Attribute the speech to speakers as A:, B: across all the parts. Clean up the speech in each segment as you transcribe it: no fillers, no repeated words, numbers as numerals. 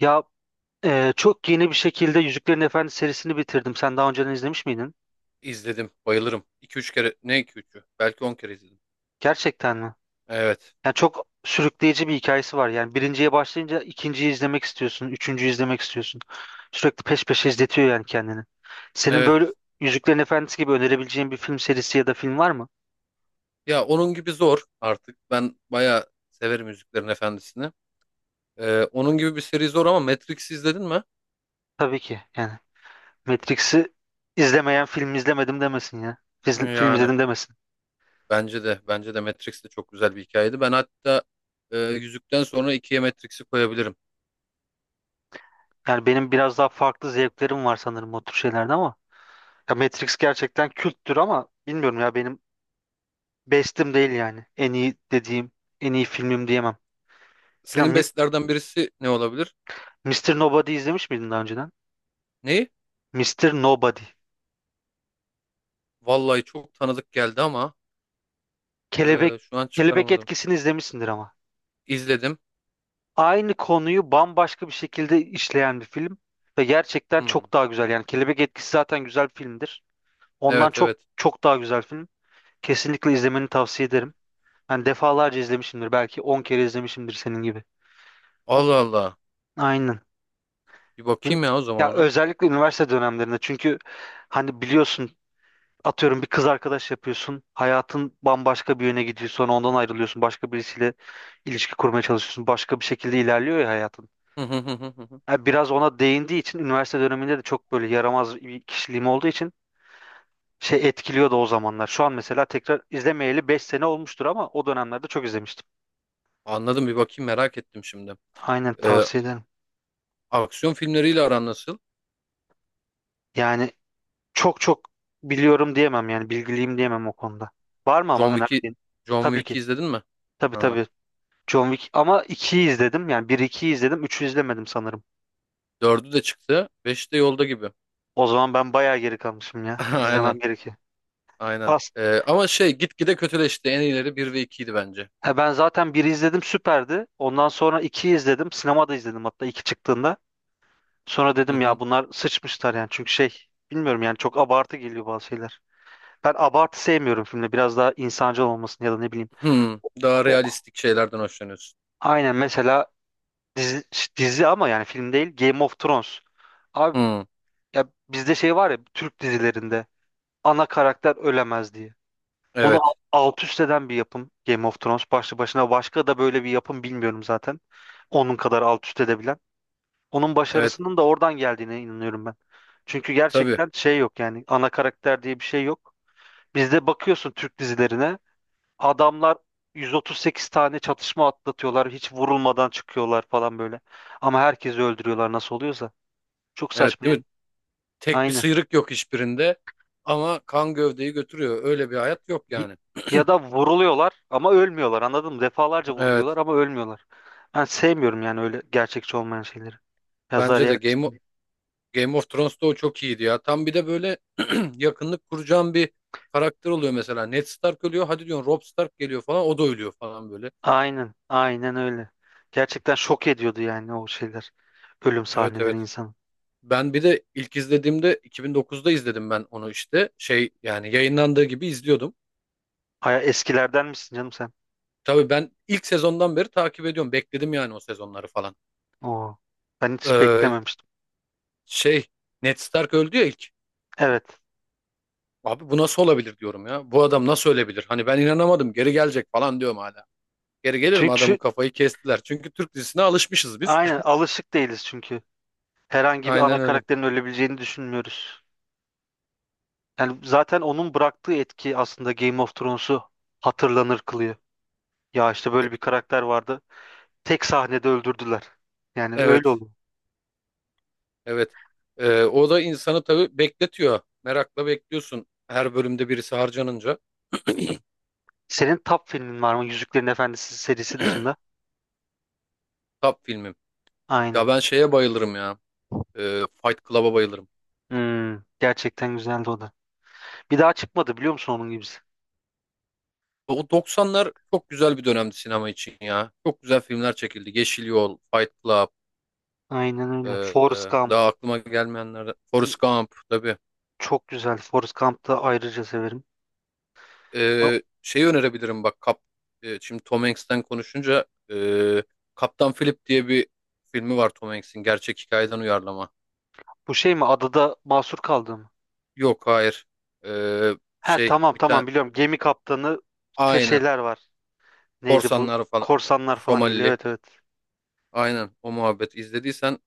A: Ya çok yeni bir şekilde Yüzüklerin Efendisi serisini bitirdim. Sen daha önceden izlemiş miydin?
B: İzledim. Bayılırım. 2 üç kere. Ne iki üçü? Belki 10 kere izledim.
A: Gerçekten mi?
B: Evet.
A: Yani çok sürükleyici bir hikayesi var. Yani birinciye başlayınca ikinciyi izlemek istiyorsun, üçüncüyü izlemek istiyorsun. Sürekli peş peşe izletiyor yani kendini. Senin
B: Evet.
A: böyle Yüzüklerin Efendisi gibi önerebileceğin bir film serisi ya da film var mı?
B: Ya onun gibi zor artık. Ben bayağı severim Yüzüklerin Efendisi'ni. Onun gibi bir seri zor ama Matrix izledin mi?
A: Tabii ki. Yani Matrix'i izlemeyen film izlemedim demesin ya. Film
B: Yani
A: izledim demesin.
B: bence de. Bence de Matrix de çok güzel bir hikayeydi. Ben hatta Yüzükten sonra ikiye Matrix'i koyabilirim.
A: Yani benim biraz daha farklı zevklerim var sanırım o tür şeylerde ama ya Matrix gerçekten külttür ama bilmiyorum ya benim bestim değil yani. En iyi dediğim, en iyi filmim diyemem. Bilmiyorum,
B: Senin bestlerden birisi ne olabilir?
A: Mr. Nobody izlemiş miydin daha önceden?
B: Neyi?
A: Mr. Nobody.
B: Vallahi çok tanıdık geldi ama
A: Kelebek
B: şu an
A: Kelebek
B: çıkaramadım.
A: Etkisi'ni izlemişsindir ama.
B: İzledim.
A: Aynı konuyu bambaşka bir şekilde işleyen bir film ve gerçekten
B: Hmm.
A: çok daha güzel. Yani Kelebek Etkisi zaten güzel bir filmdir. Ondan
B: Evet
A: çok
B: evet.
A: çok daha güzel film. Kesinlikle izlemeni tavsiye ederim. Ben defalarca izlemişimdir. Belki 10 kere izlemişimdir senin gibi. O,
B: Allah Allah.
A: aynen.
B: Bir
A: Bin-
B: bakayım ya o zaman
A: Ya
B: ona.
A: özellikle üniversite dönemlerinde çünkü hani biliyorsun atıyorum bir kız arkadaş yapıyorsun. Hayatın bambaşka bir yöne gidiyor. Sonra ondan ayrılıyorsun. Başka birisiyle ilişki kurmaya çalışıyorsun. Başka bir şekilde ilerliyor ya hayatın.
B: Hı hı hı hı hı hı.
A: Ha, biraz ona değindiği için üniversite döneminde de çok böyle yaramaz bir kişiliğim olduğu için şey etkiliyordu o zamanlar. Şu an mesela tekrar izlemeyeli 5 sene olmuştur ama o dönemlerde çok izlemiştim.
B: Anladım bir bakayım merak ettim şimdi.
A: Aynen
B: Ee,
A: tavsiye ederim.
B: aksiyon filmleriyle aran nasıl?
A: Yani çok çok biliyorum diyemem yani bilgiliyim diyemem o konuda. Var mı
B: John
A: ama
B: Wick'i
A: önerdiğin?
B: John
A: Tabii ki.
B: Wick'i izledin mi?
A: Tabii
B: Ha.
A: tabii. John Wick ama 2'yi izledim. Yani bir 2'yi izledim. 3'ü izlemedim sanırım.
B: Dördü de çıktı. Beşi de yolda gibi.
A: O zaman ben bayağı geri kalmışım ya.
B: Aynen.
A: İzlemem gerekiyor.
B: Aynen.
A: Pas.
B: Ama şey gitgide kötüleşti. En iyileri bir ve ikiydi bence.
A: Ha, ben zaten 1'i izledim, süperdi. Ondan sonra 2'yi izledim. Sinemada izledim hatta 2 çıktığında. Sonra
B: Hı
A: dedim ya
B: hı.
A: bunlar sıçmışlar yani. Çünkü şey, bilmiyorum yani çok abartı geliyor bazı şeyler. Ben abartı sevmiyorum filmde. Biraz daha insancıl olmasını ya da ne bileyim.
B: Hı. Daha
A: O-
B: realistik şeylerden hoşlanıyorsun.
A: Aynen mesela dizi, dizi ama yani film değil, Game of Thrones. Abi
B: Hı.
A: ya bizde şey var ya Türk dizilerinde, ana karakter ölemez diye. Bunu
B: Evet.
A: alt üst eden bir yapım Game of Thrones başlı başına. Başka da böyle bir yapım bilmiyorum zaten. Onun kadar alt üst edebilen. Onun
B: Evet.
A: başarısının da oradan geldiğine inanıyorum ben. Çünkü
B: Tabii.
A: gerçekten şey yok yani, ana karakter diye bir şey yok. Bizde bakıyorsun Türk dizilerine, adamlar 138 tane çatışma atlatıyorlar, hiç vurulmadan çıkıyorlar falan böyle. Ama herkesi öldürüyorlar nasıl oluyorsa. Çok
B: Evet
A: saçma
B: değil mi?
A: yani.
B: Tek bir
A: Aynen.
B: sıyrık yok hiçbirinde. Ama kan gövdeyi götürüyor. Öyle bir hayat yok yani.
A: Ya da vuruluyorlar ama ölmüyorlar, anladın mı? Defalarca vuruluyorlar
B: Evet.
A: ama ölmüyorlar. Ben sevmiyorum yani öyle gerçekçi olmayan şeyleri. Yazar
B: Bence de
A: yer.
B: Game of Thrones'ta o çok iyiydi ya. Tam bir de böyle yakınlık kuracağın bir karakter oluyor mesela. Ned Stark ölüyor. Hadi diyorsun Robb Stark geliyor falan. O da ölüyor falan böyle.
A: Aynen, aynen öyle. Gerçekten şok ediyordu yani o şeyler. Ölüm
B: Evet
A: sahneleri
B: evet.
A: insanı.
B: Ben bir de ilk izlediğimde 2009'da izledim ben onu işte. Şey yani yayınlandığı gibi izliyordum.
A: Aya, eskilerden misin canım sen?
B: Tabii ben ilk sezondan beri takip ediyorum. Bekledim yani o sezonları falan.
A: Oo. Ben hiç
B: Ee,
A: beklememiştim.
B: şey Ned Stark öldü ya ilk.
A: Evet.
B: Abi bu nasıl olabilir diyorum ya. Bu adam nasıl ölebilir? Hani ben inanamadım. Geri gelecek falan diyorum hala. Geri gelir mi adamın
A: Çünkü
B: kafayı kestiler. Çünkü Türk dizisine alışmışız biz.
A: aynen alışık değiliz çünkü. Herhangi bir ana
B: Aynen öyle.
A: karakterin ölebileceğini düşünmüyoruz. Yani zaten onun bıraktığı etki aslında Game of Thrones'u hatırlanır kılıyor. Ya işte
B: Et-
A: böyle bir karakter vardı. Tek sahnede öldürdüler. Yani öyle
B: Evet,
A: oldu.
B: evet. O da insanı tabii bekletiyor. Merakla bekliyorsun her bölümde birisi harcanınca.
A: Senin top filmin var mı Yüzüklerin Efendisi serisi dışında?
B: Top filmim. Ya
A: Aynen.
B: ben şeye bayılırım ya. Fight Club'a bayılırım.
A: Hmm, gerçekten güzeldi o da. Bir daha çıkmadı biliyor musun onun gibisi?
B: O 90'lar çok güzel bir dönemdi sinema için ya. Çok güzel filmler çekildi. Yeşil Yol, Fight Club,
A: Aynen öyle.
B: ee,
A: Forrest
B: e,
A: Gump.
B: daha aklıma gelmeyenler. Forrest Gump tabii.
A: Çok güzel. Forrest Gump'ı da ayrıca severim. Ha,
B: Şey önerebilirim bak şimdi Tom Hanks'ten konuşunca e, Kaptan Philip diye bir filmi var Tom Hanks'in gerçek hikayeden uyarlama.
A: bu şey mi? Adada mahsur kaldı mı?
B: Yok hayır. Ee,
A: He,
B: şey
A: tamam
B: bir tane
A: tamam biliyorum. Gemi kaptanı, te
B: aynen
A: şeyler var. Neydi bu?
B: korsanlar falan
A: Korsanlar falan geliyor.
B: Somalili
A: Evet, evet.
B: aynen o muhabbet izlediysen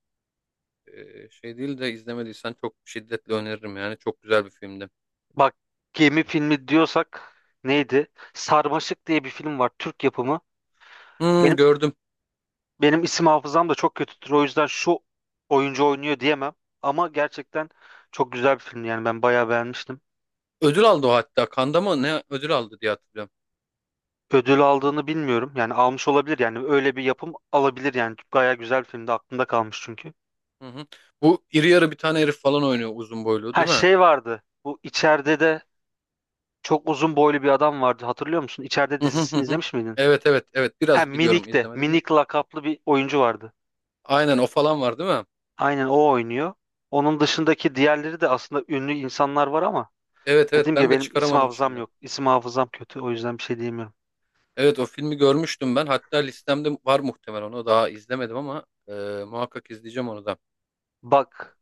B: şey değil de izlemediysen çok şiddetle öneririm yani çok güzel bir filmdi.
A: Bak, gemi filmi diyorsak neydi? Sarmaşık diye bir film var, Türk yapımı.
B: Hmm,
A: Benim
B: gördüm.
A: benim isim hafızam da çok kötüdür. O yüzden şu oyuncu oynuyor diyemem. Ama gerçekten çok güzel bir film yani, ben bayağı beğenmiştim.
B: Ödül aldı o hatta. Kanda mı ne ödül aldı diye hatırlıyorum.
A: Ödül aldığını bilmiyorum. Yani almış olabilir yani, öyle bir yapım alabilir yani. Gayet güzel bir filmdi, aklımda kalmış çünkü.
B: Hı hı. Bu iri yarı bir tane herif falan oynuyor uzun boylu
A: Ha
B: değil mi?
A: şey vardı. Bu, içeride de çok uzun boylu bir adam vardı, hatırlıyor musun? İçeride
B: Hı hı hı
A: dizisini
B: hı.
A: izlemiş miydin?
B: Evet evet evet
A: Ha,
B: biraz biliyorum
A: Minik de
B: izlemedim de.
A: Minik lakaplı bir oyuncu vardı.
B: Aynen o falan var değil mi?
A: Aynen o oynuyor. Onun dışındaki diğerleri de aslında ünlü insanlar var ama
B: Evet evet
A: dediğim gibi
B: ben de
A: benim isim
B: çıkaramadım
A: hafızam
B: şimdi.
A: yok. İsim hafızam kötü, o yüzden bir şey diyemiyorum.
B: Evet o filmi görmüştüm ben. Hatta listemde var muhtemelen onu daha izlemedim ama muhakkak izleyeceğim onu da.
A: Bak,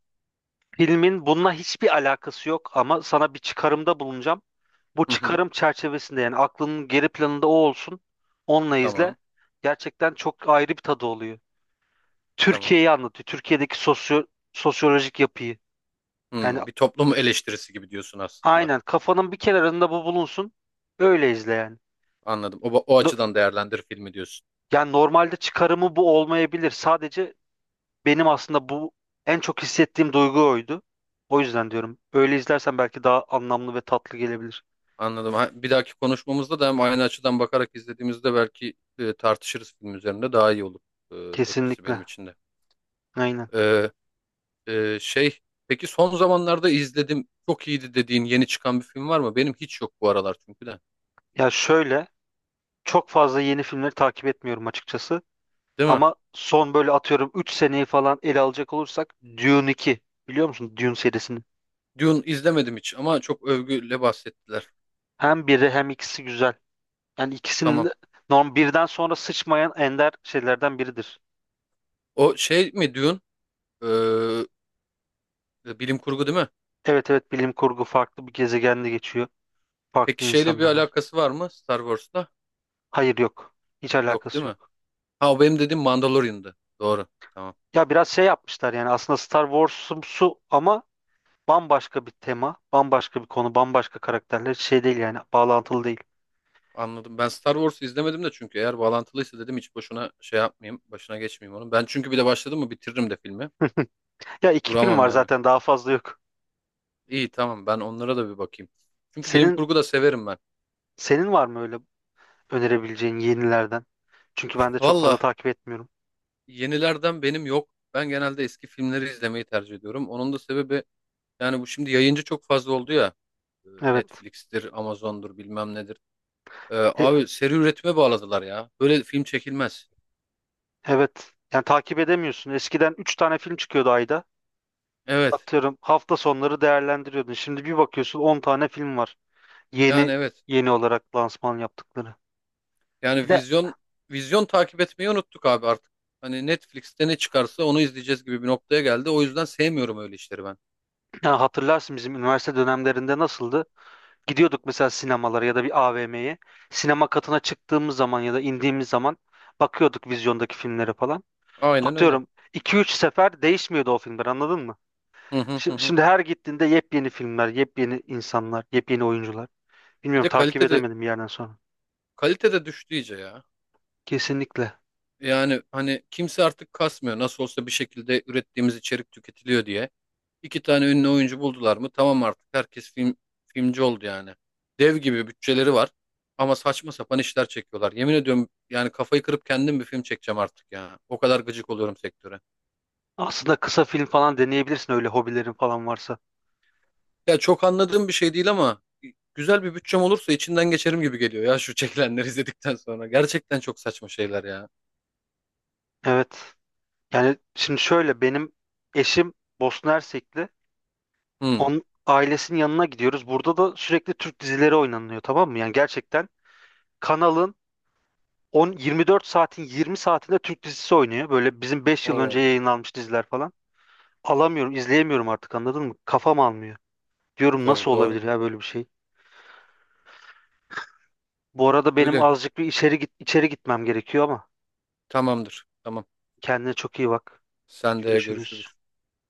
A: filmin bununla hiçbir alakası yok ama sana bir çıkarımda bulunacağım. Bu
B: Hı hı.
A: çıkarım çerçevesinde yani aklının geri planında o olsun. Onunla izle.
B: Tamam
A: Gerçekten çok ayrı bir tadı oluyor.
B: tamam.
A: Türkiye'yi anlatıyor. Türkiye'deki sosyolojik yapıyı. Yani
B: Hmm, bir toplum eleştirisi gibi diyorsun aslında.
A: aynen, kafanın bir kenarında bu bulunsun. Öyle izle yani.
B: Anladım. O
A: No-
B: açıdan değerlendir filmi diyorsun.
A: Yani normalde çıkarımı bu olmayabilir. Sadece benim aslında bu en çok hissettiğim duygu oydu. O yüzden diyorum. Öyle izlersen belki daha anlamlı ve tatlı gelebilir.
B: Anladım. Ha, bir dahaki konuşmamızda da hem aynı açıdan bakarak izlediğimizde belki tartışırız film üzerinde daha iyi olur e, etkisi
A: Kesinlikle.
B: benim için de.
A: Aynen.
B: E, şey peki son zamanlarda izledim çok iyiydi dediğin yeni çıkan bir film var mı? Benim hiç yok bu aralar çünkü de.
A: Ya şöyle, çok fazla yeni filmleri takip etmiyorum açıkçası.
B: Değil mi?
A: Ama son böyle, atıyorum 3 seneyi falan ele alacak olursak, Dune 2. Biliyor musun Dune serisini?
B: Dune izlemedim hiç ama çok övgüyle bahsettiler.
A: Hem biri hem ikisi güzel. Yani ikisinin
B: Tamam.
A: de norm birden sonra sıçmayan ender şeylerden biridir.
B: O şey mi Dune? Ee, bilim kurgu değil mi?
A: Evet evet, bilim kurgu, farklı bir gezegende geçiyor. Farklı
B: Peki şeyle bir
A: insanlar var.
B: alakası var mı Star Wars'la?
A: Hayır, yok. Hiç
B: Yok değil
A: alakası
B: mi?
A: yok.
B: Ha o benim dediğim Mandalorian'dı. Doğru. Tamam.
A: Ya biraz şey yapmışlar yani aslında Star Wars'umsu ama bambaşka bir tema, bambaşka bir konu, bambaşka karakterler, şey değil yani, bağlantılı değil.
B: Anladım. Ben Star Wars'u izlemedim de çünkü eğer bağlantılıysa dedim hiç boşuna şey yapmayayım. Başına geçmeyeyim onun. Ben çünkü bir de başladım mı bitiririm de filmi.
A: Ya iki film
B: Duramam
A: var
B: yani.
A: zaten, daha fazla yok.
B: İyi tamam ben onlara da bir bakayım. Çünkü bilim
A: Senin
B: kurgu da severim ben.
A: senin var mı öyle önerebileceğin yenilerden? Çünkü ben de çok fazla
B: Valla
A: takip etmiyorum.
B: yenilerden benim yok. Ben genelde eski filmleri izlemeyi tercih ediyorum. Onun da sebebi yani bu şimdi yayıncı çok fazla oldu ya.
A: Evet.
B: Netflix'tir, Amazon'dur bilmem nedir. E,
A: E-
B: abi seri üretime bağladılar ya. Böyle film çekilmez.
A: evet. Yani takip edemiyorsun. Eskiden 3 tane film çıkıyordu ayda.
B: Evet
A: Atıyorum hafta sonları değerlendiriyordun. Şimdi bir bakıyorsun, 10 tane film var.
B: yani
A: Yeni
B: evet.
A: yeni olarak lansman yaptıkları. Bir
B: Yani
A: de
B: vizyon takip etmeyi unuttuk abi artık. Hani Netflix'te ne çıkarsa onu izleyeceğiz gibi bir noktaya geldi. O yüzden sevmiyorum öyle işleri ben.
A: ya, hatırlarsın bizim üniversite dönemlerinde nasıldı? Gidiyorduk mesela sinemalara ya da bir AVM'ye. Sinema katına çıktığımız zaman ya da indiğimiz zaman bakıyorduk vizyondaki filmlere falan.
B: Aynen öyle.
A: Atıyorum 2 üç sefer değişmiyordu o filmler, anladın mı?
B: Hı hı hı. Hı.
A: Şimdi, her gittiğinde yepyeni filmler, yepyeni insanlar, yepyeni oyuncular.
B: Bir
A: Bilmiyorum,
B: de
A: takip
B: kalitede
A: edemedim bir yerden sonra.
B: Kalite de düştü iyice ya.
A: Kesinlikle.
B: Yani hani kimse artık kasmıyor. Nasıl olsa bir şekilde ürettiğimiz içerik tüketiliyor diye. İki tane ünlü oyuncu buldular mı? Tamam artık herkes filmci oldu yani. Dev gibi bütçeleri var. Ama saçma sapan işler çekiyorlar. Yemin ediyorum yani kafayı kırıp kendim bir film çekeceğim artık ya. O kadar gıcık oluyorum sektöre.
A: Aslında kısa film falan deneyebilirsin öyle hobilerin falan varsa.
B: Ya çok anladığım bir şey değil ama güzel bir bütçem olursa içinden geçerim gibi geliyor ya şu çekilenleri izledikten sonra. Gerçekten çok saçma şeyler ya.
A: Evet. Yani şimdi şöyle, benim eşim Bosna Hersekli.
B: Hmm.
A: Onun ailesinin yanına gidiyoruz. Burada da sürekli Türk dizileri oynanıyor, tamam mı? Yani gerçekten kanalın 10, 24 saatin 20 saatinde Türk dizisi oynuyor. Böyle bizim 5 yıl önce
B: Oo,
A: yayınlanmış diziler falan. Alamıyorum, izleyemiyorum artık, anladın mı? Kafam almıyor. Diyorum
B: tabii
A: nasıl
B: doğru.
A: olabilir ya böyle bir şey? Bu arada benim
B: Öyle.
A: azıcık bir içeri gitmem gerekiyor ama
B: Tamamdır. Tamam.
A: kendine çok iyi bak.
B: Sen de
A: Görüşürüz.
B: görüşürüz.